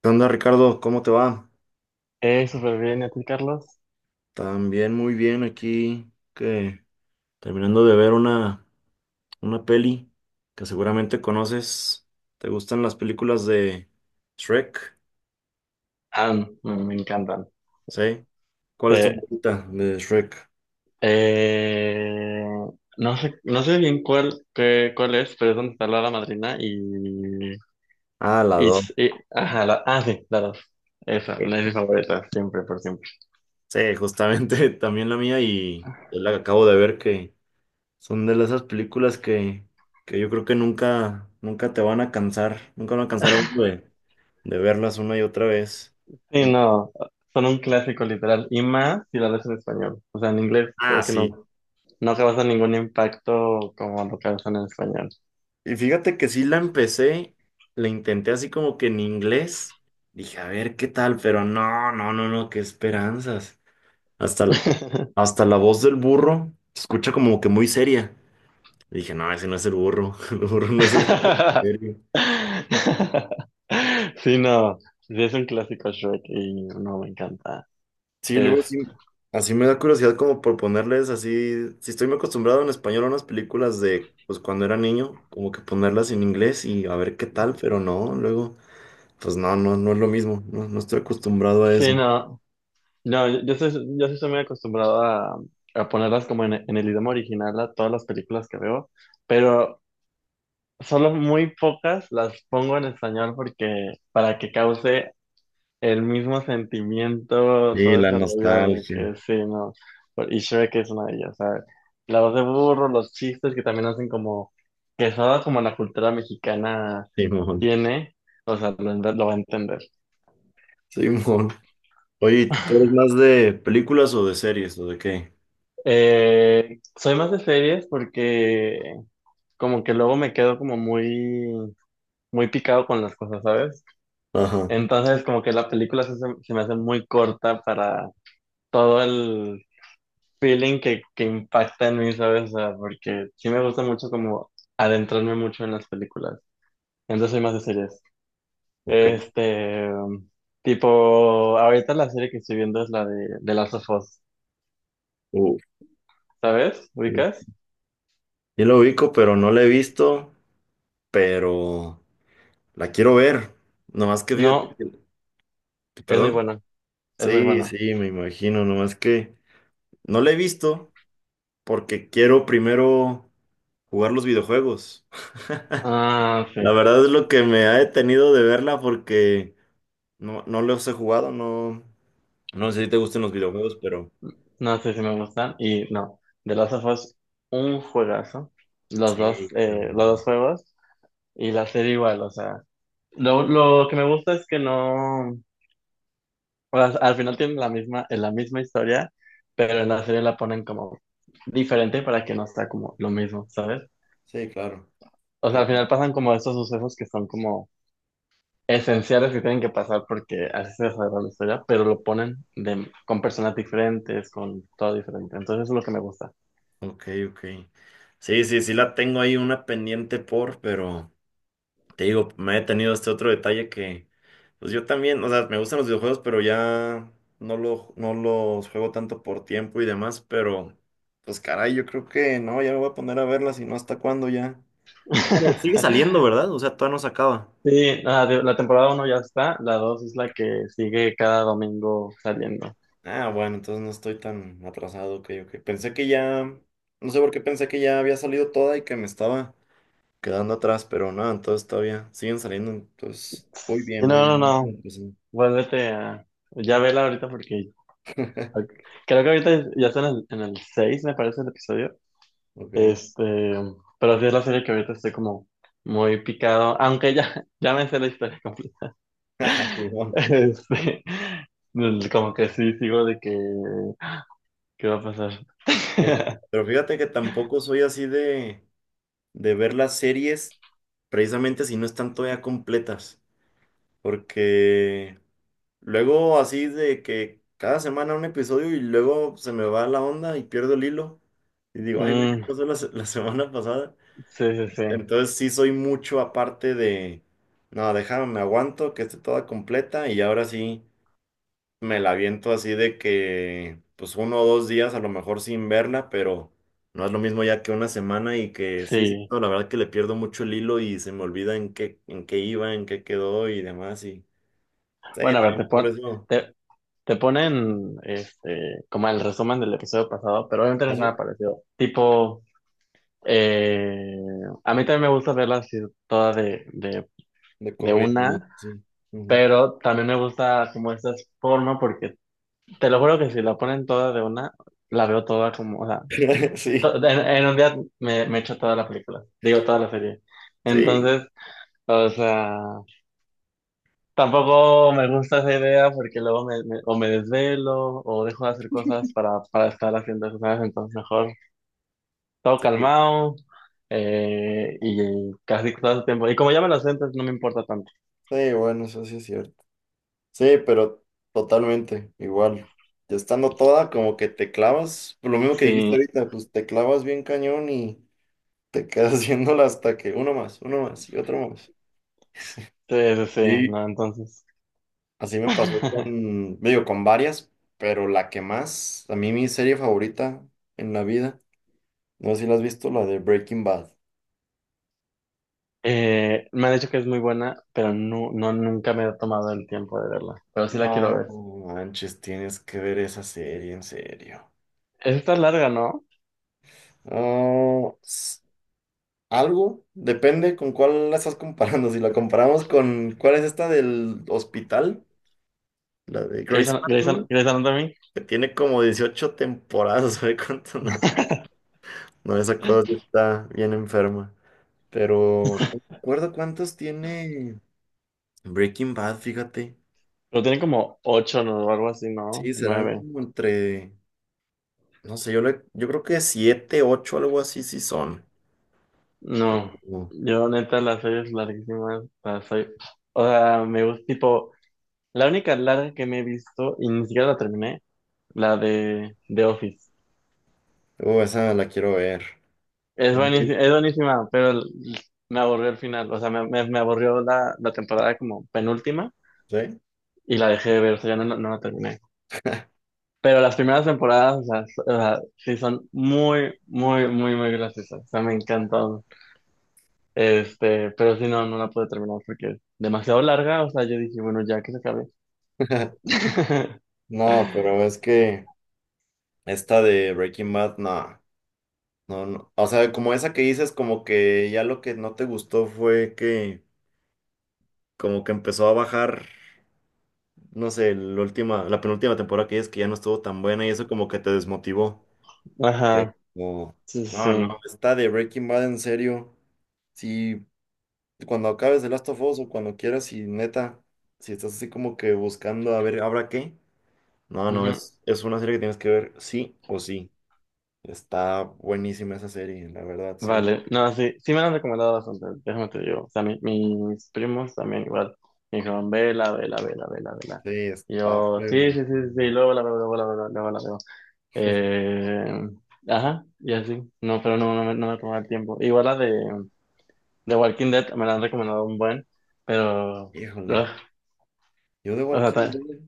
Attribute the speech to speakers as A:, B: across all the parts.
A: ¿Qué onda, Ricardo? ¿Cómo te va?
B: Súper bien, ¿y a ti, Carlos?
A: También muy bien aquí, que terminando de ver una peli que seguramente conoces. ¿Te gustan las películas de Shrek?
B: Ah, me encantan.
A: ¿Sí? ¿Cuál es tu
B: Eh,
A: favorita de Shrek?
B: eh, no sé, no sé bien cuál, cuál es, pero es donde está la hada madrina
A: Ah, la
B: y,
A: dos.
B: ajá, ah, sí, la dos. Esa, la
A: Ok.
B: es mi favorita, siempre, por siempre.
A: Sí, justamente también la mía y yo la acabo de ver que son de esas películas que yo creo que nunca, nunca te van a cansar, nunca van a cansar a uno de verlas una y otra vez.
B: Sí, no, son un clásico literal, y más si la ves en español. O sea, en inglés
A: Ah,
B: creo que
A: sí.
B: no, no causa ningún impacto como lo causan en español.
A: Y fíjate que sí la empecé, la intenté así como que en inglés. Dije, a ver qué tal, pero no, no, no, no, qué esperanzas. Hasta, hasta la voz del burro se escucha como que muy seria. Dije, no, ese no es el burro, el burro no es así de serio.
B: Sí, no, sí es un clásico Shrek y no me encanta.
A: Sí, luego
B: Es,
A: sí, así me da curiosidad como por ponerles así, si estoy muy acostumbrado en español a unas películas de, pues cuando era niño, como que ponerlas en inglés y a ver qué tal, pero no, luego, pues no, no, no es lo mismo, no, no estoy acostumbrado a
B: sí,
A: eso.
B: no, no, yo sí soy muy acostumbrado a ponerlas como en el idioma original a todas las películas que veo, pero solo muy pocas las pongo en español porque para que cause el mismo sentimiento,
A: Sí,
B: todo
A: la
B: ese rollo de
A: nostalgia,
B: que sí, no. Y Shrek es una de ellas, ¿sabes? La voz de burro, los chistes que también hacen como, que solo como la cultura mexicana
A: Simón.
B: tiene, o sea, lo va a entender.
A: Simón. Oye, ¿tú eres más de películas o de series o de qué?
B: Soy más de series porque como que luego me quedo como muy, muy picado con las cosas, ¿sabes?
A: Ajá.
B: Entonces como que la película sí se me hace muy corta para todo feeling que impacta en mí, ¿sabes? O sea, porque sí me gusta mucho como adentrarme mucho en las películas. Entonces soy más de series.
A: Ok.
B: Este, tipo, ahorita la serie que estoy viendo es la de Last of Us,
A: Uf,
B: ¿sabes?
A: uf.
B: ¿Ubicas?
A: Yo lo ubico, pero no la he visto, pero la quiero ver. Nomás que fíjate
B: No,
A: que-
B: es muy
A: Perdón.
B: buena, es muy
A: Sí,
B: buena.
A: sí, me imagino. Nomás que no la he visto porque quiero primero jugar los videojuegos.
B: Ah, sí,
A: La verdad es lo que me ha detenido de verla porque no, no los he jugado, no. No sé si te gustan los videojuegos, pero
B: no sé si me gustan. Y no, The Last of Us, un juegazo.
A: sí,
B: Los dos
A: también.
B: juegos y la serie igual, o sea. Lo que me gusta es que no. O sea, al final tienen la misma historia, pero en la serie la ponen como diferente para que no sea como lo mismo, ¿sabes?
A: Sí, claro.
B: O sea, al
A: Entiendo.
B: final pasan como estos sucesos que son como esenciales que tienen que pasar porque así se desarrolla la historia, pero lo ponen con personas diferentes, con todo diferente. Entonces eso es lo que me gusta.
A: Ok, ok. Sí, sí, sí la tengo ahí una pendiente por, pero te digo, me he tenido este otro detalle que, pues yo también, o sea, me gustan los videojuegos, pero ya no los juego tanto por tiempo y demás, pero pues caray, yo creo que no, ya me voy a poner a verlas y no hasta cuándo ya. Bueno, sigue saliendo, ¿verdad? O sea, todavía no se acaba.
B: Sí, nada, la temporada uno ya está, la 2 es la que sigue cada domingo saliendo.
A: Ah, bueno, entonces no estoy tan atrasado, ok, ok. Pensé que ya, no sé por qué pensé que ya había salido toda y que me estaba quedando atrás, pero no, entonces todavía siguen saliendo, entonces muy
B: Sí,
A: bien, muy
B: no, no,
A: bien. Muy
B: no,
A: bien, pues, sí.
B: vuélvete a... Ya vela ahorita porque... Ok. Creo que ahorita ya están en el 6 me parece, el episodio.
A: Ok.
B: Este, pero sí es la serie que ahorita estoy como muy picado, aunque ya, ya me sé la historia completa.
A: Fijón.
B: Este, como que sí, sigo de que, ¿qué va a pasar?
A: Pero pero fíjate que tampoco soy así de ver las series precisamente si no están todavía completas, porque. Luego así de que cada semana un episodio y luego se me va la onda y pierdo el hilo. Y digo, ay, güey, ¿qué
B: Mm,
A: pasó la semana pasada?
B: sí, sí, sí,
A: Entonces sí soy mucho aparte de, no, déjame, me aguanto, que esté toda completa y ahora sí me la aviento así de que, pues uno o dos días a lo mejor sin verla, pero no es lo mismo ya que una semana y que sí, sí,
B: sí.
A: no, la verdad que le pierdo mucho el hilo y se me olvida en qué iba, en qué quedó y demás. Y sí,
B: Bueno, a ver,
A: también por eso.
B: te, te ponen este, como el resumen del episodio pasado, pero obviamente no es nada
A: ¿Así?
B: parecido. Tipo, eh, a mí también me gusta verla así toda de, de
A: De
B: de
A: corrido, ¿no?
B: una,
A: Sí. Ujú.
B: pero también me gusta como esta forma porque te lo juro que si la ponen toda de una, la veo toda como, o sea, to-
A: Sí,
B: en, en un día me echo toda la película, digo toda la serie.
A: sí,
B: Entonces, o sea, tampoco me gusta esa idea porque luego o me desvelo o dejo de hacer cosas para estar haciendo esas cosas, entonces mejor todo
A: sí,
B: calmado. Y casi todo el tiempo. Y como ya me lo sé, entonces no me importa tanto.
A: sí, bueno, eso sí es cierto. Sí, pero totalmente igual. Ya estando toda, como que te clavas, por lo mismo que dijiste
B: Sí,
A: ahorita, pues te clavas bien cañón y te quedas haciéndola hasta que uno más y otro más.
B: sí, sí, sí,
A: Sí,
B: no, entonces.
A: así me pasó con, digo, con varias, pero la que más, a mí mi serie favorita en la vida, no sé si la has visto, la de Breaking Bad.
B: Me han dicho que es muy buena, pero no, no, nunca me he tomado el tiempo de verla. Pero sí la quiero
A: No
B: ver.
A: manches, tienes que ver esa serie, en serio.
B: Esta es larga, ¿no?
A: No, algo, depende con cuál la estás comparando. Si la comparamos con cuál es esta del hospital, la de Grey's Anatomy,
B: Grey's Anatomy.
A: que tiene como 18 temporadas, ¿sabe cuánto? No, no, esa cosa sí está bien enferma. Pero no recuerdo cuántos tiene Breaking Bad, fíjate.
B: Pero tiene como ocho, ¿no? O algo así, ¿no?
A: Sí, serán
B: Nueve.
A: como entre, no sé, yo creo que 7, 8, algo así, sí son.
B: No. Yo, neta, las series larguísimas las soy... O sea, me gusta, tipo... La única larga que me he visto, y ni siquiera la terminé, la de The Office.
A: Esa la quiero ver. ¿No la
B: Es buenísima, pero me aburrió el final. O sea, me aburrió la temporada como penúltima.
A: viste?
B: Y la dejé de ver, o sea, ya no, no la terminé. Pero las primeras temporadas, o sea, o sea, sí son muy, muy, muy, muy graciosas. O sea, me encantaron. Este, pero sí, no, no la pude terminar porque es demasiado larga. O sea, yo dije, bueno, ya que se acabe.
A: ¿Sí? No, pero es que esta de Breaking Bad, no, no, no. O sea, como esa que dices, como que ya lo que no te gustó fue que como que empezó a bajar, no sé, la última, la penúltima temporada que dices que ya no estuvo tan buena y eso como que te desmotivó. Pero,
B: Ajá, sí,
A: no,
B: sí, sí.
A: no, esta de Breaking Bad en serio. Si cuando acabes The Last of Us o cuando quieras y neta, si estás así como que buscando a ver, ¿habrá qué? No, no,
B: Ujú.
A: es una serie que tienes que ver sí o sí. Está buenísima esa serie, la verdad, sí.
B: Vale, no, sí, sí me la han recomendado bastante, déjame te digo. O sea, mis primos también igual me dijeron, vela, vela, vela, vela, vela.
A: Sí,
B: Y
A: está
B: yo, sí, sí,
A: fregón.
B: sí, sí, sí, luego la veo, luego la veo, luego la veo. Eh, ajá, y así. No, pero no, no me tomaba el tiempo. Igual la de Walking Dead me la han recomendado un buen, pero.
A: Híjole,
B: Ugh,
A: yo de
B: o sea,
A: Walking Dead,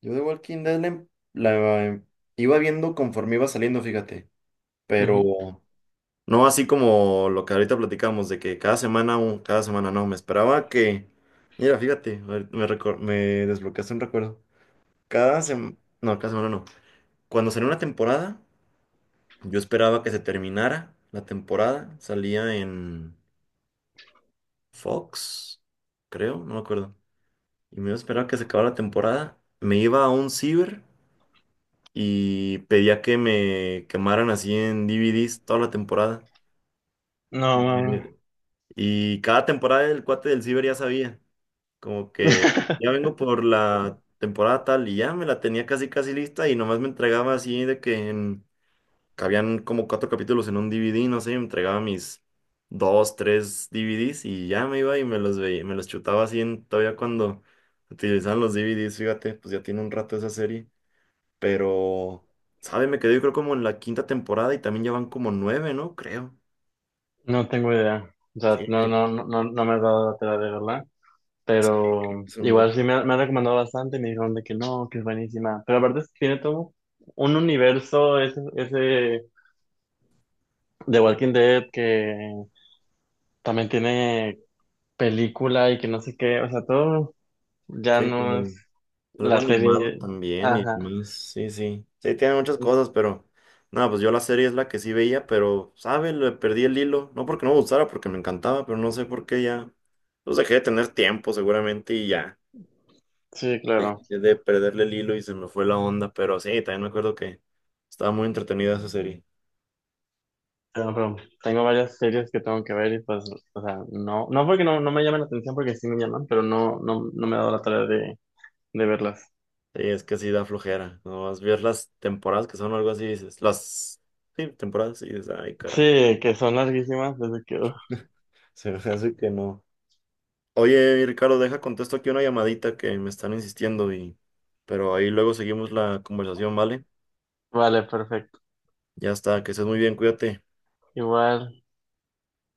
A: yo de Walking Dead la em- iba viendo conforme iba saliendo, fíjate.
B: ujú.
A: Pero no así como lo que ahorita platicamos, de que cada semana, cada semana no, me esperaba que. Mira, fíjate, ahorita me desbloqueaste un recuerdo. Cada semana, no, cada semana no. Cuando salió una temporada. Yo esperaba que se terminara la temporada. Salía en Fox, creo, no me acuerdo. Y me iba a esperar que se acabara la temporada. Me iba a un ciber y pedía que me quemaran así en DVDs toda la temporada.
B: No,
A: Y,
B: no,
A: me- y cada temporada el cuate del ciber ya sabía. Como que ya vengo por la temporada tal y ya me la tenía casi casi lista y nomás me entregaba así de que en cabían como cuatro capítulos en un DVD, no sé, entregaba mis dos, tres DVDs y ya me iba y me los veía, me los chutaba así todavía cuando utilizaban los DVDs, fíjate, pues ya tiene un rato esa serie, pero, ¿sabe? Me quedé yo creo como en la quinta temporada y también ya van como nueve, ¿no? Creo.
B: no tengo idea. O sea,
A: Sí,
B: no,
A: creo,
B: no, no, no no me he dado la tarea de verla.
A: sí, creo
B: Pero
A: que son
B: igual
A: muchos.
B: sí me han recomendado bastante y me dijeron de que no, que es buenísima. Pero aparte tiene todo un universo ese de Walking Dead que también tiene película y que no sé qué. O sea, todo. Ya
A: Sí,
B: no
A: como
B: es
A: algo
B: la
A: animado
B: serie.
A: también y
B: Ajá.
A: demás. Sí, sí. Sí, tiene muchas cosas, pero. Nada, pues yo la serie es la que sí veía, pero, ¿sabe? Le perdí el hilo. No porque no me gustara, porque me encantaba, pero no sé por qué ya. Pues dejé de tener tiempo, seguramente, y ya.
B: Sí, claro.
A: Dejé de perderle el hilo y se me fue la onda, pero sí, también me acuerdo que estaba muy entretenida esa serie.
B: Pero tengo varias series que tengo que ver y pues, o sea, no, no porque no, no me llamen la atención, porque sí me llaman, pero no, no, no me he dado la tarea de verlas.
A: Sí, es que sí da flojera. No vas a ver las temporadas que son o algo así, dices. Las. Sí, temporadas, y dices, ay, caray.
B: Sí, que son larguísimas, desde que... uf.
A: Se me hace que no. Oye, Ricardo, deja contesto aquí una llamadita que me están insistiendo y pero ahí luego seguimos la conversación, ¿vale?
B: Vale, perfecto.
A: Ya está, que estés muy bien, cuídate.
B: Igual.